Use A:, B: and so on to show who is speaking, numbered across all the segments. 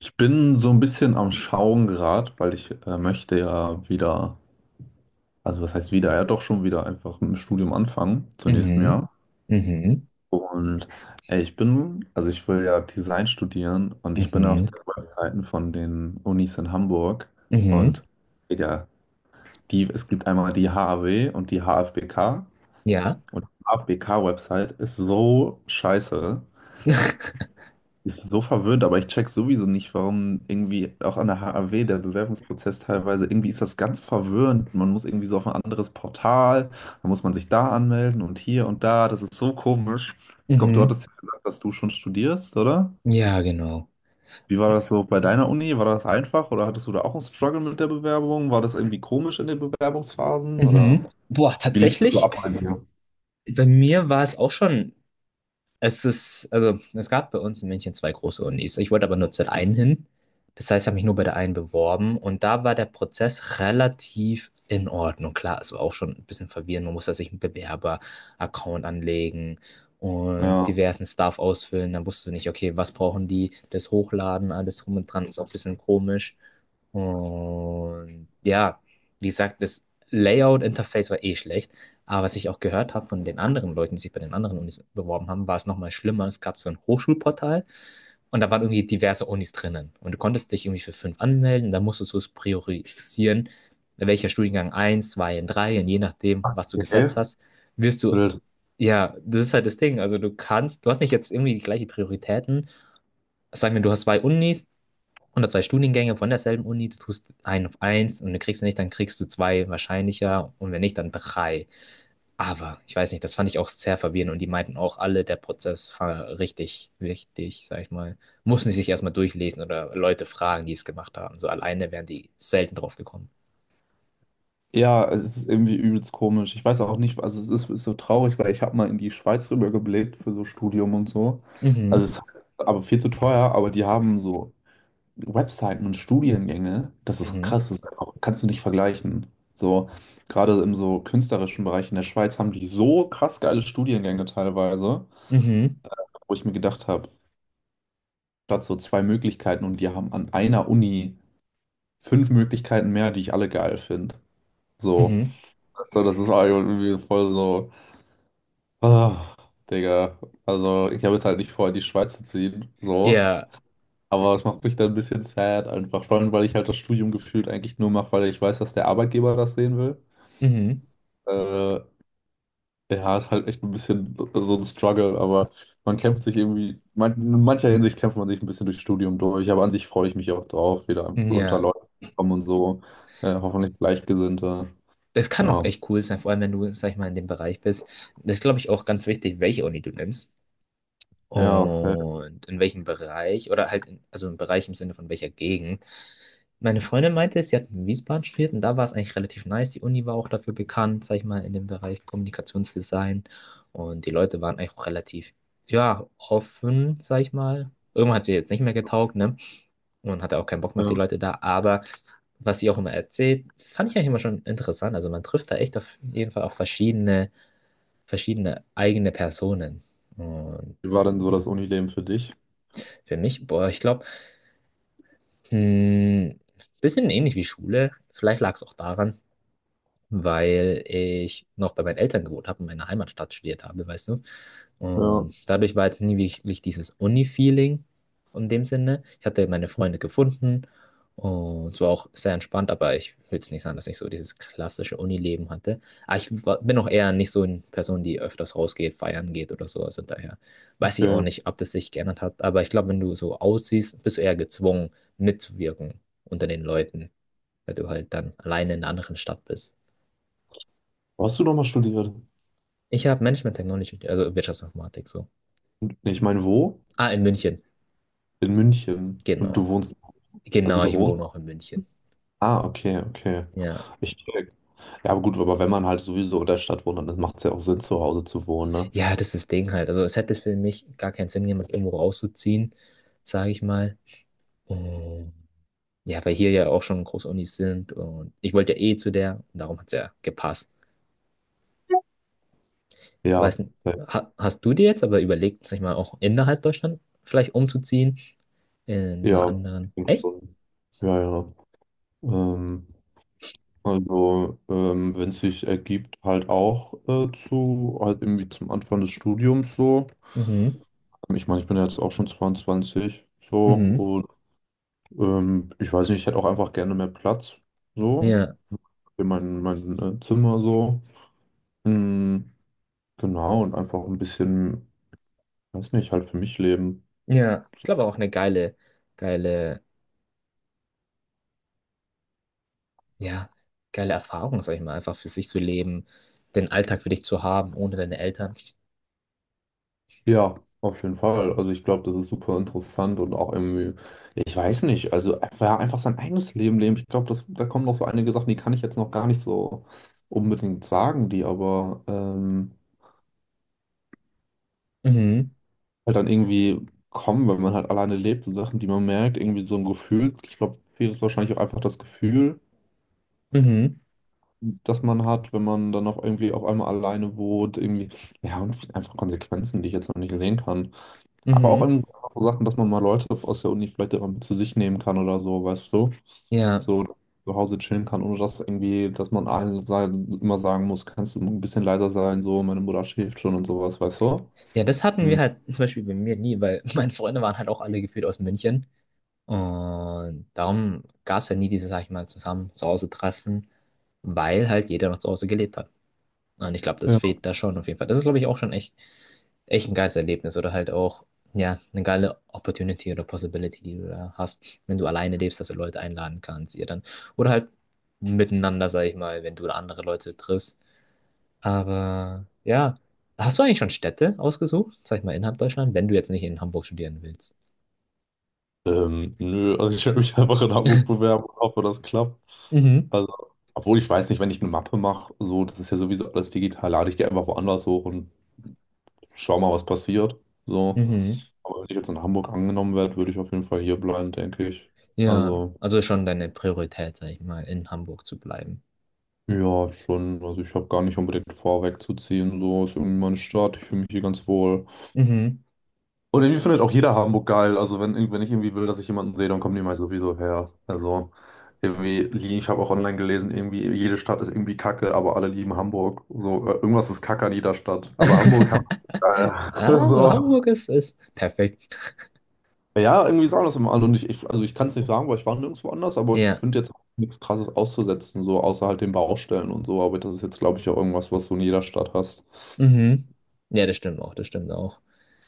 A: Ich bin so ein bisschen am Schauen gerade, weil ich möchte ja wieder, also was heißt wieder, ja doch schon wieder einfach mit dem Studium anfangen, zum nächsten
B: Mhm,
A: Jahr.
B: mhm,
A: Und ich bin, also ich will ja Design studieren und ich bin auf
B: mhm,
A: den Webseiten von den Unis in Hamburg
B: mhm,
A: und Digga, die, es gibt einmal die HAW und die HFBK
B: ja.
A: und die HFBK-Website ist so scheiße. Ist so verwirrend, aber ich check sowieso nicht, warum irgendwie auch an der HAW der Bewerbungsprozess teilweise, irgendwie ist das ganz verwirrend. Man muss irgendwie so auf ein anderes Portal, dann muss man sich da anmelden und hier und da. Das ist so komisch. Ich glaube, du
B: Mhm,
A: hattest ja gesagt, dass du schon studierst, oder?
B: ja, genau.
A: Wie war das so bei deiner Uni? War das einfach oder hattest du da auch einen Struggle mit der Bewerbung? War das irgendwie komisch in den Bewerbungsphasen oder
B: Mhm. Boah,
A: wie lief das so
B: tatsächlich,
A: ab bei dir?
B: bei mir war es auch schon Es ist, also es gab bei uns in München zwei große Unis. Ich wollte aber nur zur einen hin. Das heißt, ich habe mich nur bei der einen beworben und da war der Prozess relativ in Ordnung. Klar, es war auch schon ein bisschen verwirrend. Man musste sich einen Bewerber-Account anlegen und
A: Ja,
B: diversen Stuff ausfüllen. Dann wusstest du nicht, okay, was brauchen die, das Hochladen, alles drum und dran, ist auch ein bisschen komisch. Und ja, wie gesagt, das Layout-Interface war eh schlecht. Aber was ich auch gehört habe von den anderen Leuten, die sich bei den anderen Unis beworben haben, war es nochmal schlimmer. Es gab so ein Hochschulportal und da waren irgendwie diverse Unis drinnen. Und du konntest dich irgendwie für fünf anmelden, dann musstest du es priorisieren, welcher Studiengang eins, 2, und drei, und je nachdem, was du
A: okay.
B: gesetzt hast, wirst du,
A: Wild.
B: ja, das ist halt das Ding. Also du hast nicht jetzt irgendwie die gleichen Prioritäten. Sagen wir, du hast zwei Unis oder zwei Studiengänge von derselben Uni, du tust einen auf eins und du kriegst nicht, dann kriegst du zwei wahrscheinlicher und wenn nicht, dann drei. Aber ich weiß nicht, das fand ich auch sehr verwirrend und die meinten auch alle, der Prozess war richtig wichtig, sag ich mal. Mussten sie sich erstmal durchlesen oder Leute fragen, die es gemacht haben. So alleine wären die selten drauf gekommen.
A: Ja, es ist irgendwie übelst komisch. Ich weiß auch nicht, also es ist, ist so traurig, weil ich habe mal in die Schweiz rübergeblickt für so Studium und so. Also
B: Mhm,
A: es ist aber viel zu teuer, aber die haben so Webseiten und Studiengänge. Das ist
B: mhm,
A: krass, das ist einfach, kannst du nicht vergleichen. So, gerade im so künstlerischen Bereich in der Schweiz haben die so krass geile Studiengänge teilweise,
B: mhm,
A: wo ich mir gedacht habe, statt so zwei Möglichkeiten und die haben an einer Uni fünf Möglichkeiten mehr, die ich alle geil finde. So,
B: mhm.
A: so, das ist irgendwie voll so. Ah, Digga, also ich habe jetzt halt nicht vor, in die Schweiz zu ziehen, so.
B: Ja,
A: Aber es macht mich dann ein bisschen sad einfach, vor allem, weil ich halt das Studium gefühlt eigentlich nur mache, weil ich weiß, dass der Arbeitgeber das sehen will.
B: mhm,
A: Äh, ja, ist halt echt ein bisschen so ein Struggle, aber man kämpft sich irgendwie, man, in mancher Hinsicht kämpft man sich ein bisschen durchs Studium durch, aber an sich freue ich mich auch drauf, wieder einfach unter
B: ja.
A: Leute zu kommen und so. Hoffentlich Gleichgesinnte.
B: Das kann auch
A: Ja,
B: echt cool sein, vor allem wenn du, sag ich mal, in dem Bereich bist. Das ist, glaube ich, auch ganz wichtig, welche Uni du nimmst.
A: ja, sad.
B: Und in welchem Bereich, oder halt, also im Bereich im Sinne von welcher Gegend. Meine Freundin meinte, sie hat in Wiesbaden studiert und da war es eigentlich relativ nice. Die Uni war auch dafür bekannt, sag ich mal, in dem Bereich Kommunikationsdesign. Und die Leute waren eigentlich auch relativ, ja, offen, sag ich mal. Irgendwann hat sie jetzt nicht mehr getaugt, ne? Und hatte auch keinen Bock mehr auf die
A: Ja.
B: Leute da. Aber was sie auch immer erzählt, fand ich eigentlich immer schon interessant. Also man trifft da echt auf jeden Fall auch verschiedene eigene Personen. Und
A: Wie war denn so das Unileben für dich?
B: für mich, boah, ich glaube, Hm, bisschen ähnlich wie Schule. Vielleicht lag es auch daran, weil ich noch bei meinen Eltern gewohnt habe und in meiner Heimatstadt studiert habe, weißt du.
A: Ja,
B: Und dadurch war jetzt nie wirklich dieses Uni-Feeling in dem Sinne. Ich hatte meine Freunde gefunden und es war auch sehr entspannt, aber ich will jetzt nicht sagen, dass ich so dieses klassische Uni-Leben hatte. Aber ich bin auch eher nicht so eine Person, die öfters rausgeht, feiern geht oder so. Also daher weiß ich auch
A: okay.
B: nicht, ob das sich geändert hat. Aber ich glaube, wenn du so aussiehst, bist du eher gezwungen, mitzuwirken unter den Leuten, weil du halt dann alleine in einer anderen Stadt bist.
A: Wo hast du nochmal studiert?
B: Ich habe Management Technology, also Wirtschaftsinformatik so.
A: Nee, ich meine, wo?
B: Ah, in München.
A: In München. Und
B: Genau.
A: du wohnst. Also
B: Genau,
A: du
B: ich
A: wohnst.
B: wohne auch in München.
A: Ah, okay, okay.
B: Ja.
A: Ich check. Ja, aber gut, aber wenn man halt sowieso in der Stadt wohnt, dann macht es ja auch Sinn, zu Hause zu wohnen, ne?
B: Ja, das ist das Ding halt. Also es hätte für mich gar keinen Sinn, jemand irgendwo rauszuziehen, sage ich mal. Und ja, weil hier ja auch schon große Unis sind und ich wollte ja eh zu der, darum hat es ja gepasst.
A: Ja.
B: Weiß nicht,
A: Ja,
B: ha hast du dir jetzt aber überlegt, sag ich mal, auch innerhalb Deutschland vielleicht umzuziehen? In einer
A: ja, ich
B: anderen.
A: denke
B: Echt?
A: schon. Ja, ja. Ähm, also, wenn es sich ergibt, halt auch zu, halt irgendwie zum Anfang des Studiums so.
B: Mhm.
A: Ich meine, ich bin ja jetzt auch schon 22,
B: Mhm.
A: so. Ich weiß nicht, ich hätte auch einfach gerne mehr Platz. So.
B: Ja.
A: Für mein, mein Zimmer so. Mm, genau, und einfach ein bisschen, weiß nicht, halt für mich leben.
B: Ja. Ich glaube auch eine geile, ja, geile Erfahrung, sag ich mal, einfach für sich zu leben, den Alltag für dich zu haben, ohne deine Eltern.
A: Ja, auf jeden Fall. Also ich glaube, das ist super interessant und auch irgendwie, ich weiß nicht, also einfach, ja, einfach sein eigenes Leben leben. Ich glaube, das, da kommen noch so einige Sachen, die kann ich jetzt noch gar nicht so unbedingt sagen, die aber
B: Mhm,
A: halt dann irgendwie kommen, wenn man halt alleine lebt, so Sachen, die man merkt, irgendwie so ein Gefühl. Ich glaube, viel ist wahrscheinlich auch einfach das Gefühl
B: mhm,
A: das man hat, wenn man dann auch irgendwie auf einmal alleine wohnt, irgendwie, ja, und einfach Konsequenzen, die ich jetzt noch nicht sehen kann. Aber auch
B: mhm.
A: in so Sachen, dass man mal Leute aus der Uni vielleicht immer mit zu sich nehmen kann oder so, weißt du?
B: Ja,
A: So zu Hause chillen kann, ohne dass irgendwie, dass man allen sein, immer sagen muss, kannst du ein bisschen leiser sein, so, meine Mutter schläft schon und sowas, weißt du?
B: ja, das hatten wir
A: Hm.
B: halt zum Beispiel bei mir nie, weil meine Freunde waren halt auch alle gefühlt aus München. Und darum gab es ja nie dieses, sag ich mal, zusammen zu Hause treffen, weil halt jeder noch zu Hause gelebt hat. Und ich glaube, das
A: Ja.
B: fehlt da schon auf jeden Fall. Das ist, glaube ich, auch schon echt, echt ein geiles Erlebnis oder halt auch, ja, eine geile Opportunity oder Possibility, die du da hast, wenn du alleine lebst, dass du Leute einladen kannst, ihr dann. Oder halt miteinander, sag ich mal, wenn du andere Leute triffst. Aber ja, hast du eigentlich schon Städte ausgesucht, sag ich mal, innerhalb Deutschland, wenn du jetzt nicht in Hamburg studieren willst?
A: Nö, also ich werde mich einfach in Hamburg bewerben und hoffe, das klappt.
B: Mhm.
A: Also, obwohl ich weiß nicht, wenn ich eine Mappe mache, so, das ist ja sowieso alles digital, lade ich die einfach woanders hoch und schau mal, was passiert. So.
B: Mhm.
A: Aber wenn ich jetzt in Hamburg angenommen werde, würde ich auf jeden Fall hier bleiben, denke ich.
B: Ja,
A: Also,
B: also schon deine Priorität, sag ich mal, in Hamburg zu bleiben.
A: ja, schon. Also ich habe gar nicht unbedingt vor, wegzuziehen. So ist irgendwie meine Stadt. Ich fühle mich hier ganz wohl.
B: Mhm.
A: Und irgendwie findet auch jeder Hamburg geil. Also wenn, wenn ich irgendwie will, dass ich jemanden sehe, dann kommen die mal sowieso her. Also irgendwie, ich habe auch online gelesen, irgendwie jede Stadt ist irgendwie kacke, aber alle lieben Hamburg. So, irgendwas ist kacke an jeder Stadt. Aber Hamburg, Hamburg ist geil.
B: Ah, so
A: So.
B: Hamburg ist perfekt.
A: Ja, irgendwie sagen das immer alle. Und ich, also ich kann es nicht sagen, weil ich war nirgendwo anders, aber ich
B: Ja.
A: finde jetzt auch nichts Krasses auszusetzen, so außer halt den Baustellen und so. Aber das ist jetzt, glaube ich, auch irgendwas, was du in jeder Stadt hast.
B: Mhm. Ja, das stimmt auch, das stimmt auch.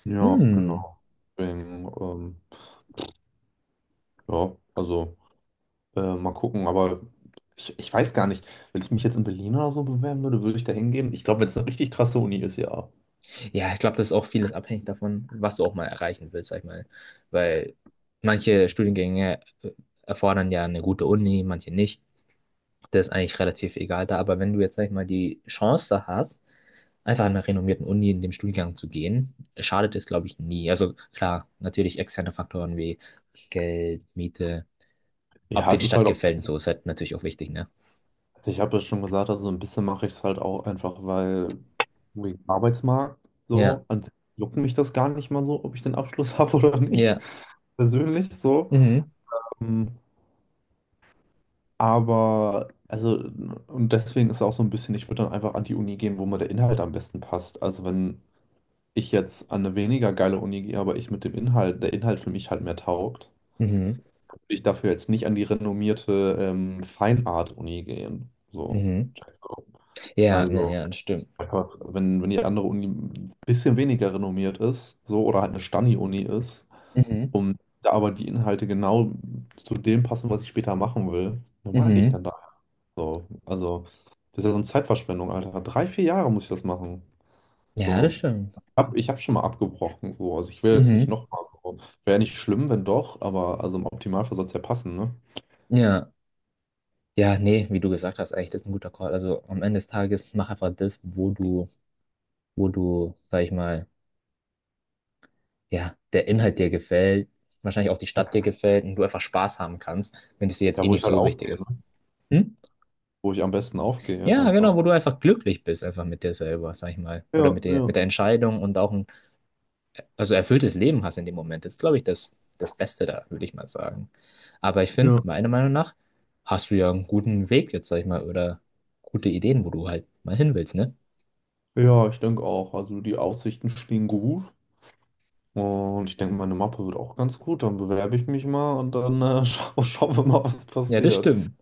A: Ja,
B: Hm.
A: genau. Deswegen, ja, also. Mal gucken, aber ich weiß gar nicht, wenn ich mich jetzt in Berlin oder so bewerben würde, würde ich da hingehen? Ich glaube, wenn es eine richtig krasse Uni ist, ja.
B: Ja, ich glaube, das ist auch vieles abhängig davon, was du auch mal erreichen willst, sag ich mal. Weil manche Studiengänge erfordern ja eine gute Uni, manche nicht. Das ist eigentlich relativ egal da. Aber wenn du jetzt, sag ich mal, die Chance hast, einfach an einer renommierten Uni in dem Studiengang zu gehen, schadet es, glaube ich, nie. Also klar, natürlich externe Faktoren wie Geld, Miete, ob
A: Ja,
B: dir
A: es
B: die
A: ist
B: Stadt
A: halt auch,
B: gefällt und so ist halt natürlich auch wichtig, ne?
A: also ich habe ja schon gesagt, also so ein bisschen mache ich es halt auch einfach, weil wegen Arbeitsmarkt
B: Ja,
A: so, an sich juckt mich das gar nicht mal so, ob ich den Abschluss habe oder nicht,
B: ja,
A: persönlich so.
B: mhm,
A: Ähm, Aber, also, und deswegen ist auch so ein bisschen, ich würde dann einfach an die Uni gehen, wo mir der Inhalt am besten passt. Also wenn ich jetzt an eine weniger geile Uni gehe, aber ich mit dem Inhalt, der Inhalt für mich halt mehr taugt,
B: mhm,
A: würde ich dafür jetzt nicht an die renommierte Fine Art uni gehen. So,
B: mhm. Ja, ja,
A: also
B: ja, das stimmt.
A: einfach, wenn, wenn die andere Uni ein bisschen weniger renommiert ist, so, oder halt eine Stani-Uni ist,
B: Mhm,
A: um da aber die Inhalte genau zu dem passen, was ich später machen will, normal gehe ich
B: mhm.
A: dann da. So, also, das ist ja so eine Zeitverschwendung, Alter. Drei, vier Jahre muss ich das machen.
B: Ja,
A: So,
B: das stimmt.
A: ich habe schon mal abgebrochen, so. Also ich will jetzt nicht
B: Mhm.
A: nochmal. So. Wäre nicht schlimm, wenn doch, aber also im Optimalfall soll es ja passen, ne?
B: Ja, ja, nee, wie du gesagt hast, eigentlich, das ist ein guter Call. Also am Ende des Tages mach einfach das, wo du, sag ich mal, ja, der Inhalt dir gefällt, wahrscheinlich auch die
A: Ja,
B: Stadt dir gefällt und du einfach Spaß haben kannst, wenn es dir jetzt
A: ja,
B: eh
A: wo ich
B: nicht
A: halt
B: so wichtig
A: aufgehe, ne?
B: ist. Hm?
A: Wo ich am besten aufgehe,
B: Ja, genau,
A: einfach.
B: wo du einfach glücklich bist, einfach mit dir selber, sag ich mal.
A: Ja,
B: Oder mit der, mit
A: ja,
B: der Entscheidung und auch also erfülltes Leben hast in dem Moment, ist, glaube ich, das Beste da, würde ich mal sagen. Aber ich finde,
A: ja.
B: meiner Meinung nach, hast du ja einen guten Weg jetzt, sag ich mal, oder gute Ideen, wo du halt mal hin willst, ne?
A: Ja, ich denke auch. Also die Aussichten stehen gut. Und ich denke, meine Mappe wird auch ganz gut. Dann bewerbe ich mich mal und dann schauen wir mal, was
B: Ja, das
A: passiert.
B: stimmt.